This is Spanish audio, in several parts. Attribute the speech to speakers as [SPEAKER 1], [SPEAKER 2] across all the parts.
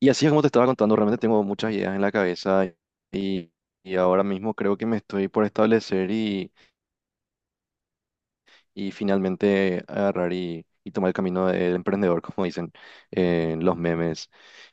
[SPEAKER 1] Y así es como te estaba contando, realmente tengo muchas ideas en la cabeza y, y ahora mismo creo que me estoy por establecer y finalmente agarrar y tomar el camino del emprendedor, como dicen en los memes.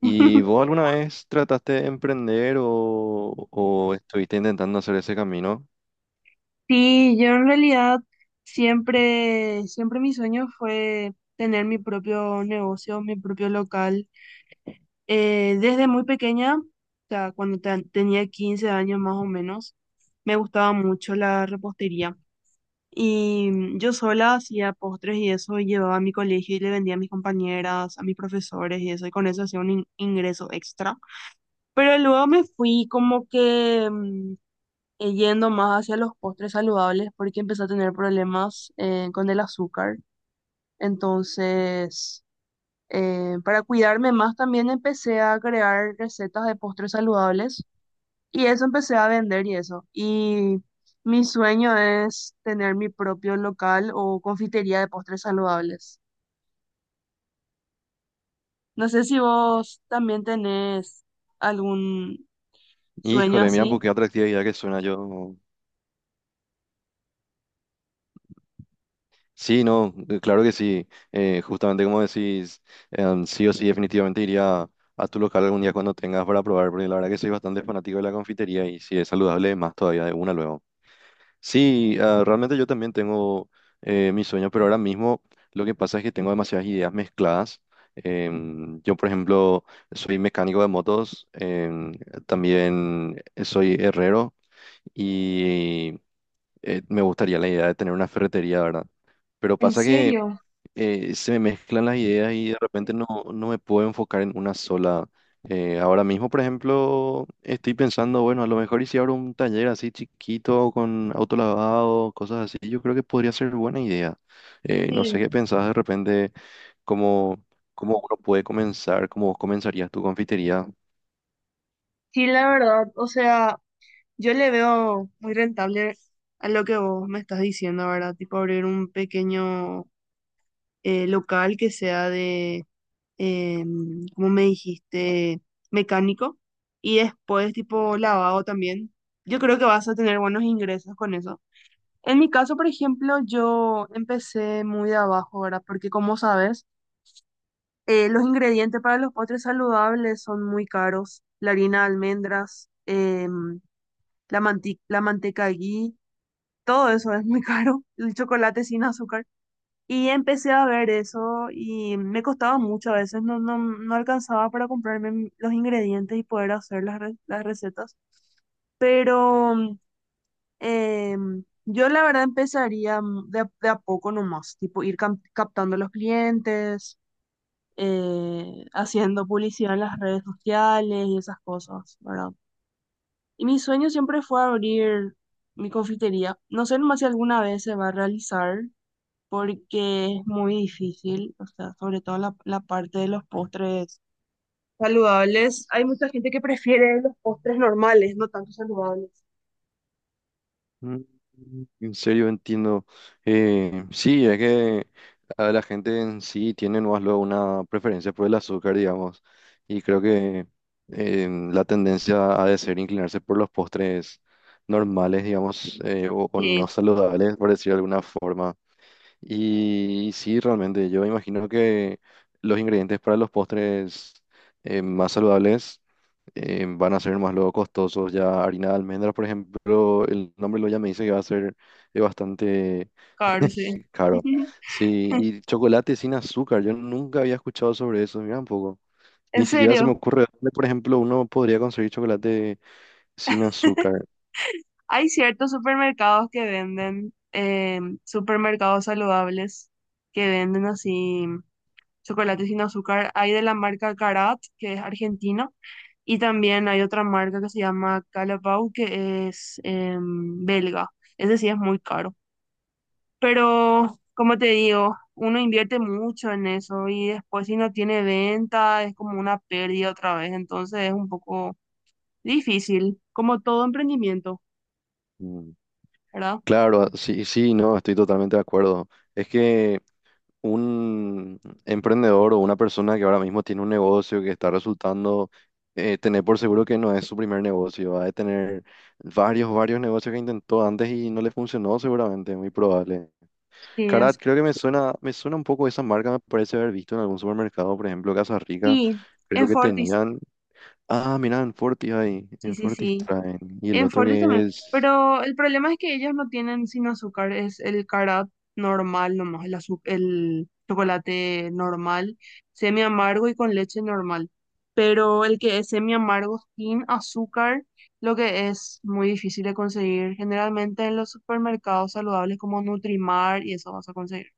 [SPEAKER 1] ¿Y vos alguna vez trataste de emprender o estuviste intentando hacer ese camino?
[SPEAKER 2] Sí, yo en realidad siempre mi sueño fue tener mi propio negocio, mi propio local. Desde muy pequeña, o sea, cuando tenía 15 años más o menos, me gustaba mucho la repostería. Y yo sola hacía postres y eso, y llevaba a mi colegio y le vendía a mis compañeras, a mis profesores y eso, y con eso hacía un ingreso extra. Pero luego me fui como que yendo más hacia los postres saludables porque empecé a tener problemas con el azúcar. Entonces, para cuidarme más también empecé a crear recetas de postres saludables y eso empecé a vender y eso. Y mi sueño es tener mi propio local o confitería de postres saludables. No sé si vos también tenés algún sueño
[SPEAKER 1] Híjole, mira, pues
[SPEAKER 2] así.
[SPEAKER 1] qué atractiva idea que suena yo. Sí, no, claro que sí. Justamente como decís, sí o sí, definitivamente iría a tu local algún día cuando tengas para probar, porque la verdad que soy bastante fanático de la confitería y si es saludable, más todavía de una luego. Sí, ah, realmente yo también tengo mis sueños, pero ahora mismo lo que pasa es que tengo demasiadas ideas mezcladas. Yo, por ejemplo, soy mecánico de motos, también soy herrero y me gustaría la idea de tener una ferretería, ¿verdad? Pero
[SPEAKER 2] ¿En
[SPEAKER 1] pasa que
[SPEAKER 2] serio?
[SPEAKER 1] se me mezclan las ideas y de repente no me puedo enfocar en una sola. Ahora mismo, por ejemplo, estoy pensando, bueno, a lo mejor y si abro un taller así chiquito con autolavado, cosas así, yo creo que podría ser buena idea. No sé
[SPEAKER 2] Sí.
[SPEAKER 1] qué pensás de repente, cómo, cómo uno puede comenzar, cómo vos comenzarías tu confitería.
[SPEAKER 2] Sí, la verdad, o sea... Yo le veo muy rentable a lo que vos me estás diciendo, ¿verdad? Tipo abrir un pequeño local que sea de, como me dijiste, mecánico y después tipo lavado también. Yo creo que vas a tener buenos ingresos con eso. En mi caso, por ejemplo, yo empecé muy de abajo, ¿verdad? Porque como sabes, los ingredientes para los postres saludables son muy caros. La harina de almendras, la la manteca ghee. Todo eso es muy caro, el chocolate sin azúcar. Y empecé a ver eso y me costaba mucho a veces, no alcanzaba para comprarme los ingredientes y poder hacer las, las recetas. Pero yo la verdad empezaría de a poco nomás, tipo ir captando los clientes, haciendo publicidad en las redes sociales y esas cosas, ¿verdad? Y mi sueño siempre fue abrir mi confitería. No sé nomás si alguna vez se va a realizar, porque es muy difícil, o sea, sobre todo la parte de los postres saludables. Hay mucha gente que prefiere los postres normales, no tanto saludables.
[SPEAKER 1] Mm, En serio, entiendo. Sí, es que a la gente en sí tiene más luego una preferencia por el azúcar, digamos, y creo que la tendencia ha de ser inclinarse por los postres normales, digamos, o
[SPEAKER 2] Sí,
[SPEAKER 1] no saludables, por decir de alguna forma. Y, sí, realmente, yo imagino que los ingredientes para los postres más saludables van a ser más luego costosos. Ya harina de almendras, por ejemplo, el nombre lo ya me dice que va a ser bastante
[SPEAKER 2] claro, sí.
[SPEAKER 1] caro. Sí, y chocolate sin azúcar, yo nunca había escuchado sobre eso, mira un poco.
[SPEAKER 2] En
[SPEAKER 1] Ni siquiera se me
[SPEAKER 2] serio,
[SPEAKER 1] ocurre dónde, por ejemplo, uno podría conseguir chocolate sin azúcar.
[SPEAKER 2] hay ciertos supermercados que venden, supermercados saludables, que venden así chocolate sin azúcar. Hay de la marca Carat, que es argentino, y también hay otra marca que se llama Calapau, que es belga. Ese sí es muy caro. Pero, como te digo, uno invierte mucho en eso y después si no tiene venta es como una pérdida otra vez, entonces es un poco difícil, como todo emprendimiento,
[SPEAKER 1] Mm,
[SPEAKER 2] ¿verdad?
[SPEAKER 1] Claro, sí, sí, no, estoy totalmente de acuerdo. Es que un emprendedor o una persona que ahora mismo tiene un negocio que está resultando, tener por seguro que no es su primer negocio, va a tener varios, varios negocios que intentó antes y no le funcionó seguramente, muy probable.
[SPEAKER 2] Sí,
[SPEAKER 1] Carat,
[SPEAKER 2] es.
[SPEAKER 1] creo que me suena un poco esa marca, me parece haber visto en algún supermercado, por ejemplo, Casa Rica,
[SPEAKER 2] Y
[SPEAKER 1] creo
[SPEAKER 2] en
[SPEAKER 1] que
[SPEAKER 2] Fortis,
[SPEAKER 1] tenían, ah, mirá, en Fortis ahí,
[SPEAKER 2] sí,
[SPEAKER 1] en
[SPEAKER 2] sí,
[SPEAKER 1] Fortis
[SPEAKER 2] sí.
[SPEAKER 1] traen, y el
[SPEAKER 2] En
[SPEAKER 1] otro
[SPEAKER 2] Fortis también.
[SPEAKER 1] que es...
[SPEAKER 2] Pero el problema es que ellas no tienen sin azúcar, es el carat normal nomás, el el chocolate normal, semi amargo y con leche normal. Pero el que es semi amargo sin azúcar, lo que es muy difícil de conseguir. Generalmente en los supermercados saludables como Nutrimar y eso vas a conseguir.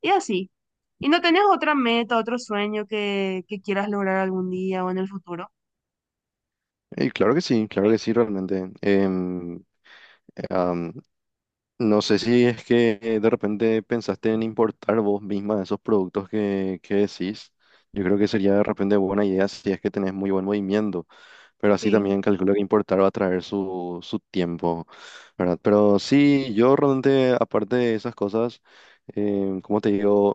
[SPEAKER 2] Y así. ¿Y no tenés otra meta, otro sueño que quieras lograr algún día o en el futuro?
[SPEAKER 1] claro que sí, realmente. Eh, am, No sé si es que de repente pensaste en importar vos misma esos productos que decís. Yo creo que sería de repente buena idea si es que tenés muy buen movimiento, pero así
[SPEAKER 2] Sí,
[SPEAKER 1] también calculo que importar va a traer su tiempo, ¿verdad? Pero sí, yo realmente, aparte de esas cosas, como te digo,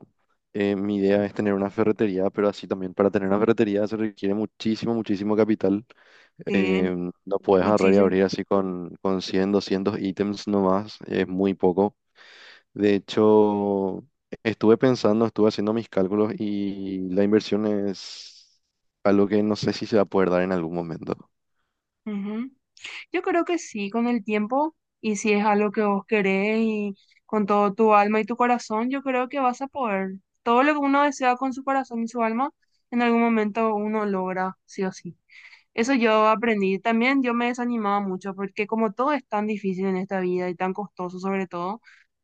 [SPEAKER 1] mi idea es tener una ferretería, pero así también para tener una ferretería se requiere muchísimo, muchísimo capital.
[SPEAKER 2] sí,
[SPEAKER 1] Eh, no puedes agarrar y
[SPEAKER 2] muchísimo.
[SPEAKER 1] abrir así con 100, 200 ítems nomás, es muy poco. De hecho, estuve pensando, estuve haciendo mis cálculos y la inversión es algo que no sé si se va a poder dar en algún momento.
[SPEAKER 2] Ujú. Yo creo que sí, con el tiempo, y si es algo que vos querés y con todo tu alma y tu corazón, yo creo que vas a poder. Todo lo que uno desea con su corazón y su alma, en algún momento uno logra, sí o sí. Eso yo aprendí. También yo me desanimaba mucho porque como todo es tan difícil en esta vida y tan costoso sobre todo,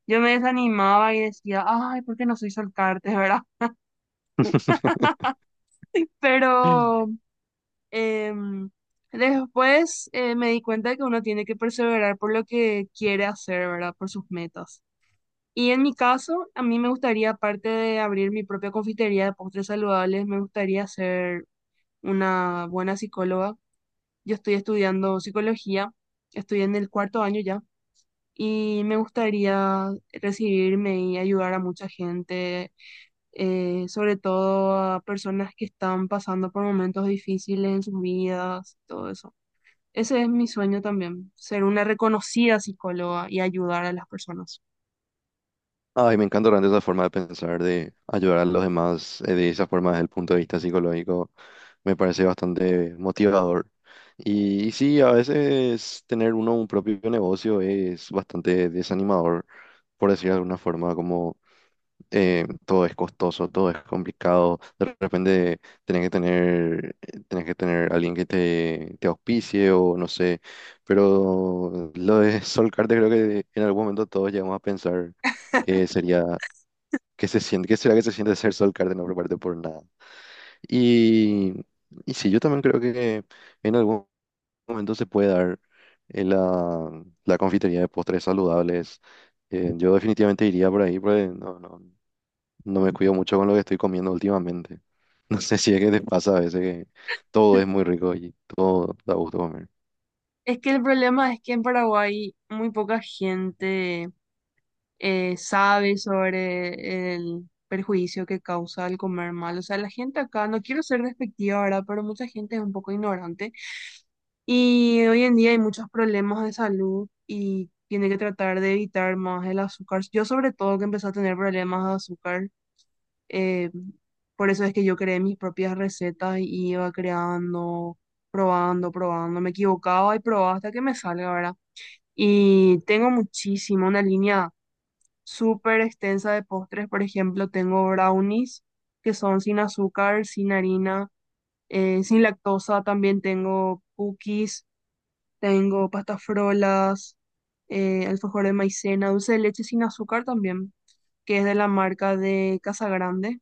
[SPEAKER 2] yo me desanimaba y decía, ay, ¿por qué no soy solcarte, verdad? Pero Em, después me di cuenta que uno tiene que perseverar por lo que quiere hacer, ¿verdad? Por sus metas. Y en mi caso, a mí me gustaría, aparte de abrir mi propia confitería de postres saludables, me gustaría ser una buena psicóloga. Yo estoy estudiando psicología, estoy en el cuarto año ya, y me gustaría recibirme y ayudar a mucha gente, sobre todo a personas que están pasando por momentos difíciles en sus vidas, todo eso. Ese es mi sueño también, ser una reconocida psicóloga y ayudar a las personas.
[SPEAKER 1] Ay, me encanta realmente esa forma de pensar, de ayudar a los demás de esa forma desde el punto de vista psicológico. Me parece bastante motivador. Y sí, a veces tener uno un propio negocio es bastante desanimador, por decir de alguna forma, todo es costoso, todo es complicado. De repente tenés que tener alguien que te auspicie o no sé. Pero lo de solcarte creo que en algún momento todos llegamos a pensar que sería, que se siente, que será que se siente ser solcarte no prepararte por nada. Y, y sí, yo también creo que en algún momento se puede dar la confitería de postres saludables. Yo definitivamente iría por ahí, porque no, no, no me cuido mucho con lo que estoy comiendo últimamente. No sé si es que te pasa a veces que todo es muy rico y todo da gusto comer.
[SPEAKER 2] Es que el problema es que en Paraguay muy poca gente sabe sobre el perjuicio que causa el comer mal. O sea, la gente acá, no quiero ser despectiva ahora, pero mucha gente es un poco ignorante y hoy en día hay muchos problemas de salud y tiene que tratar de evitar más el azúcar. Yo sobre todo que empecé a tener problemas de azúcar. Eh, por eso es que yo creé mis propias recetas y iba creando, probando, probando. Me equivocaba y probaba hasta que me salga, ¿verdad? Y tengo muchísimo, una línea súper extensa de postres. Por ejemplo, tengo brownies que son sin azúcar, sin harina, sin lactosa. También tengo cookies, tengo pastas frolas, alfajor de maicena, dulce de leche sin azúcar también, que es de la marca de Casa Grande,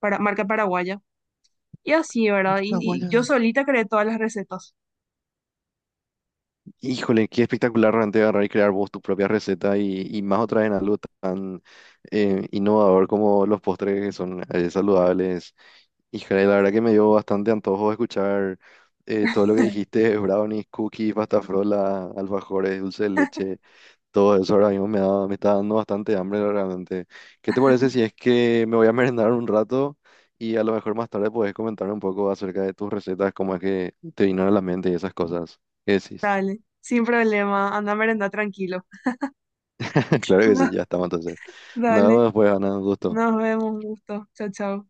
[SPEAKER 2] para, marca paraguaya. Y así, ¿verdad?
[SPEAKER 1] Las
[SPEAKER 2] Y yo
[SPEAKER 1] guayabas.
[SPEAKER 2] solita creé todas las recetas.
[SPEAKER 1] Híjole, qué espectacular realmente agarrar y crear vos tu propia receta y más otra vez en algo tan innovador como los postres que son saludables. Híjole, la verdad que me dio bastante antojo escuchar todo lo que dijiste, brownies, cookies, pasta frola, alfajores, dulce de leche. Todo eso ahora mismo me da, me está dando bastante hambre realmente. ¿Qué te parece si es que me voy a merendar un rato y a lo mejor más tarde puedes comentarme un poco acerca de tus recetas, cómo es que te vinieron a la mente y esas cosas? ¿Qué decís?
[SPEAKER 2] Dale, sin problema. Anda a merendar tranquilo.
[SPEAKER 1] Claro que sí, ya estamos entonces. Nada
[SPEAKER 2] Dale,
[SPEAKER 1] más, pues, Ana, un gusto.
[SPEAKER 2] nos vemos, un gusto. Chao, chao.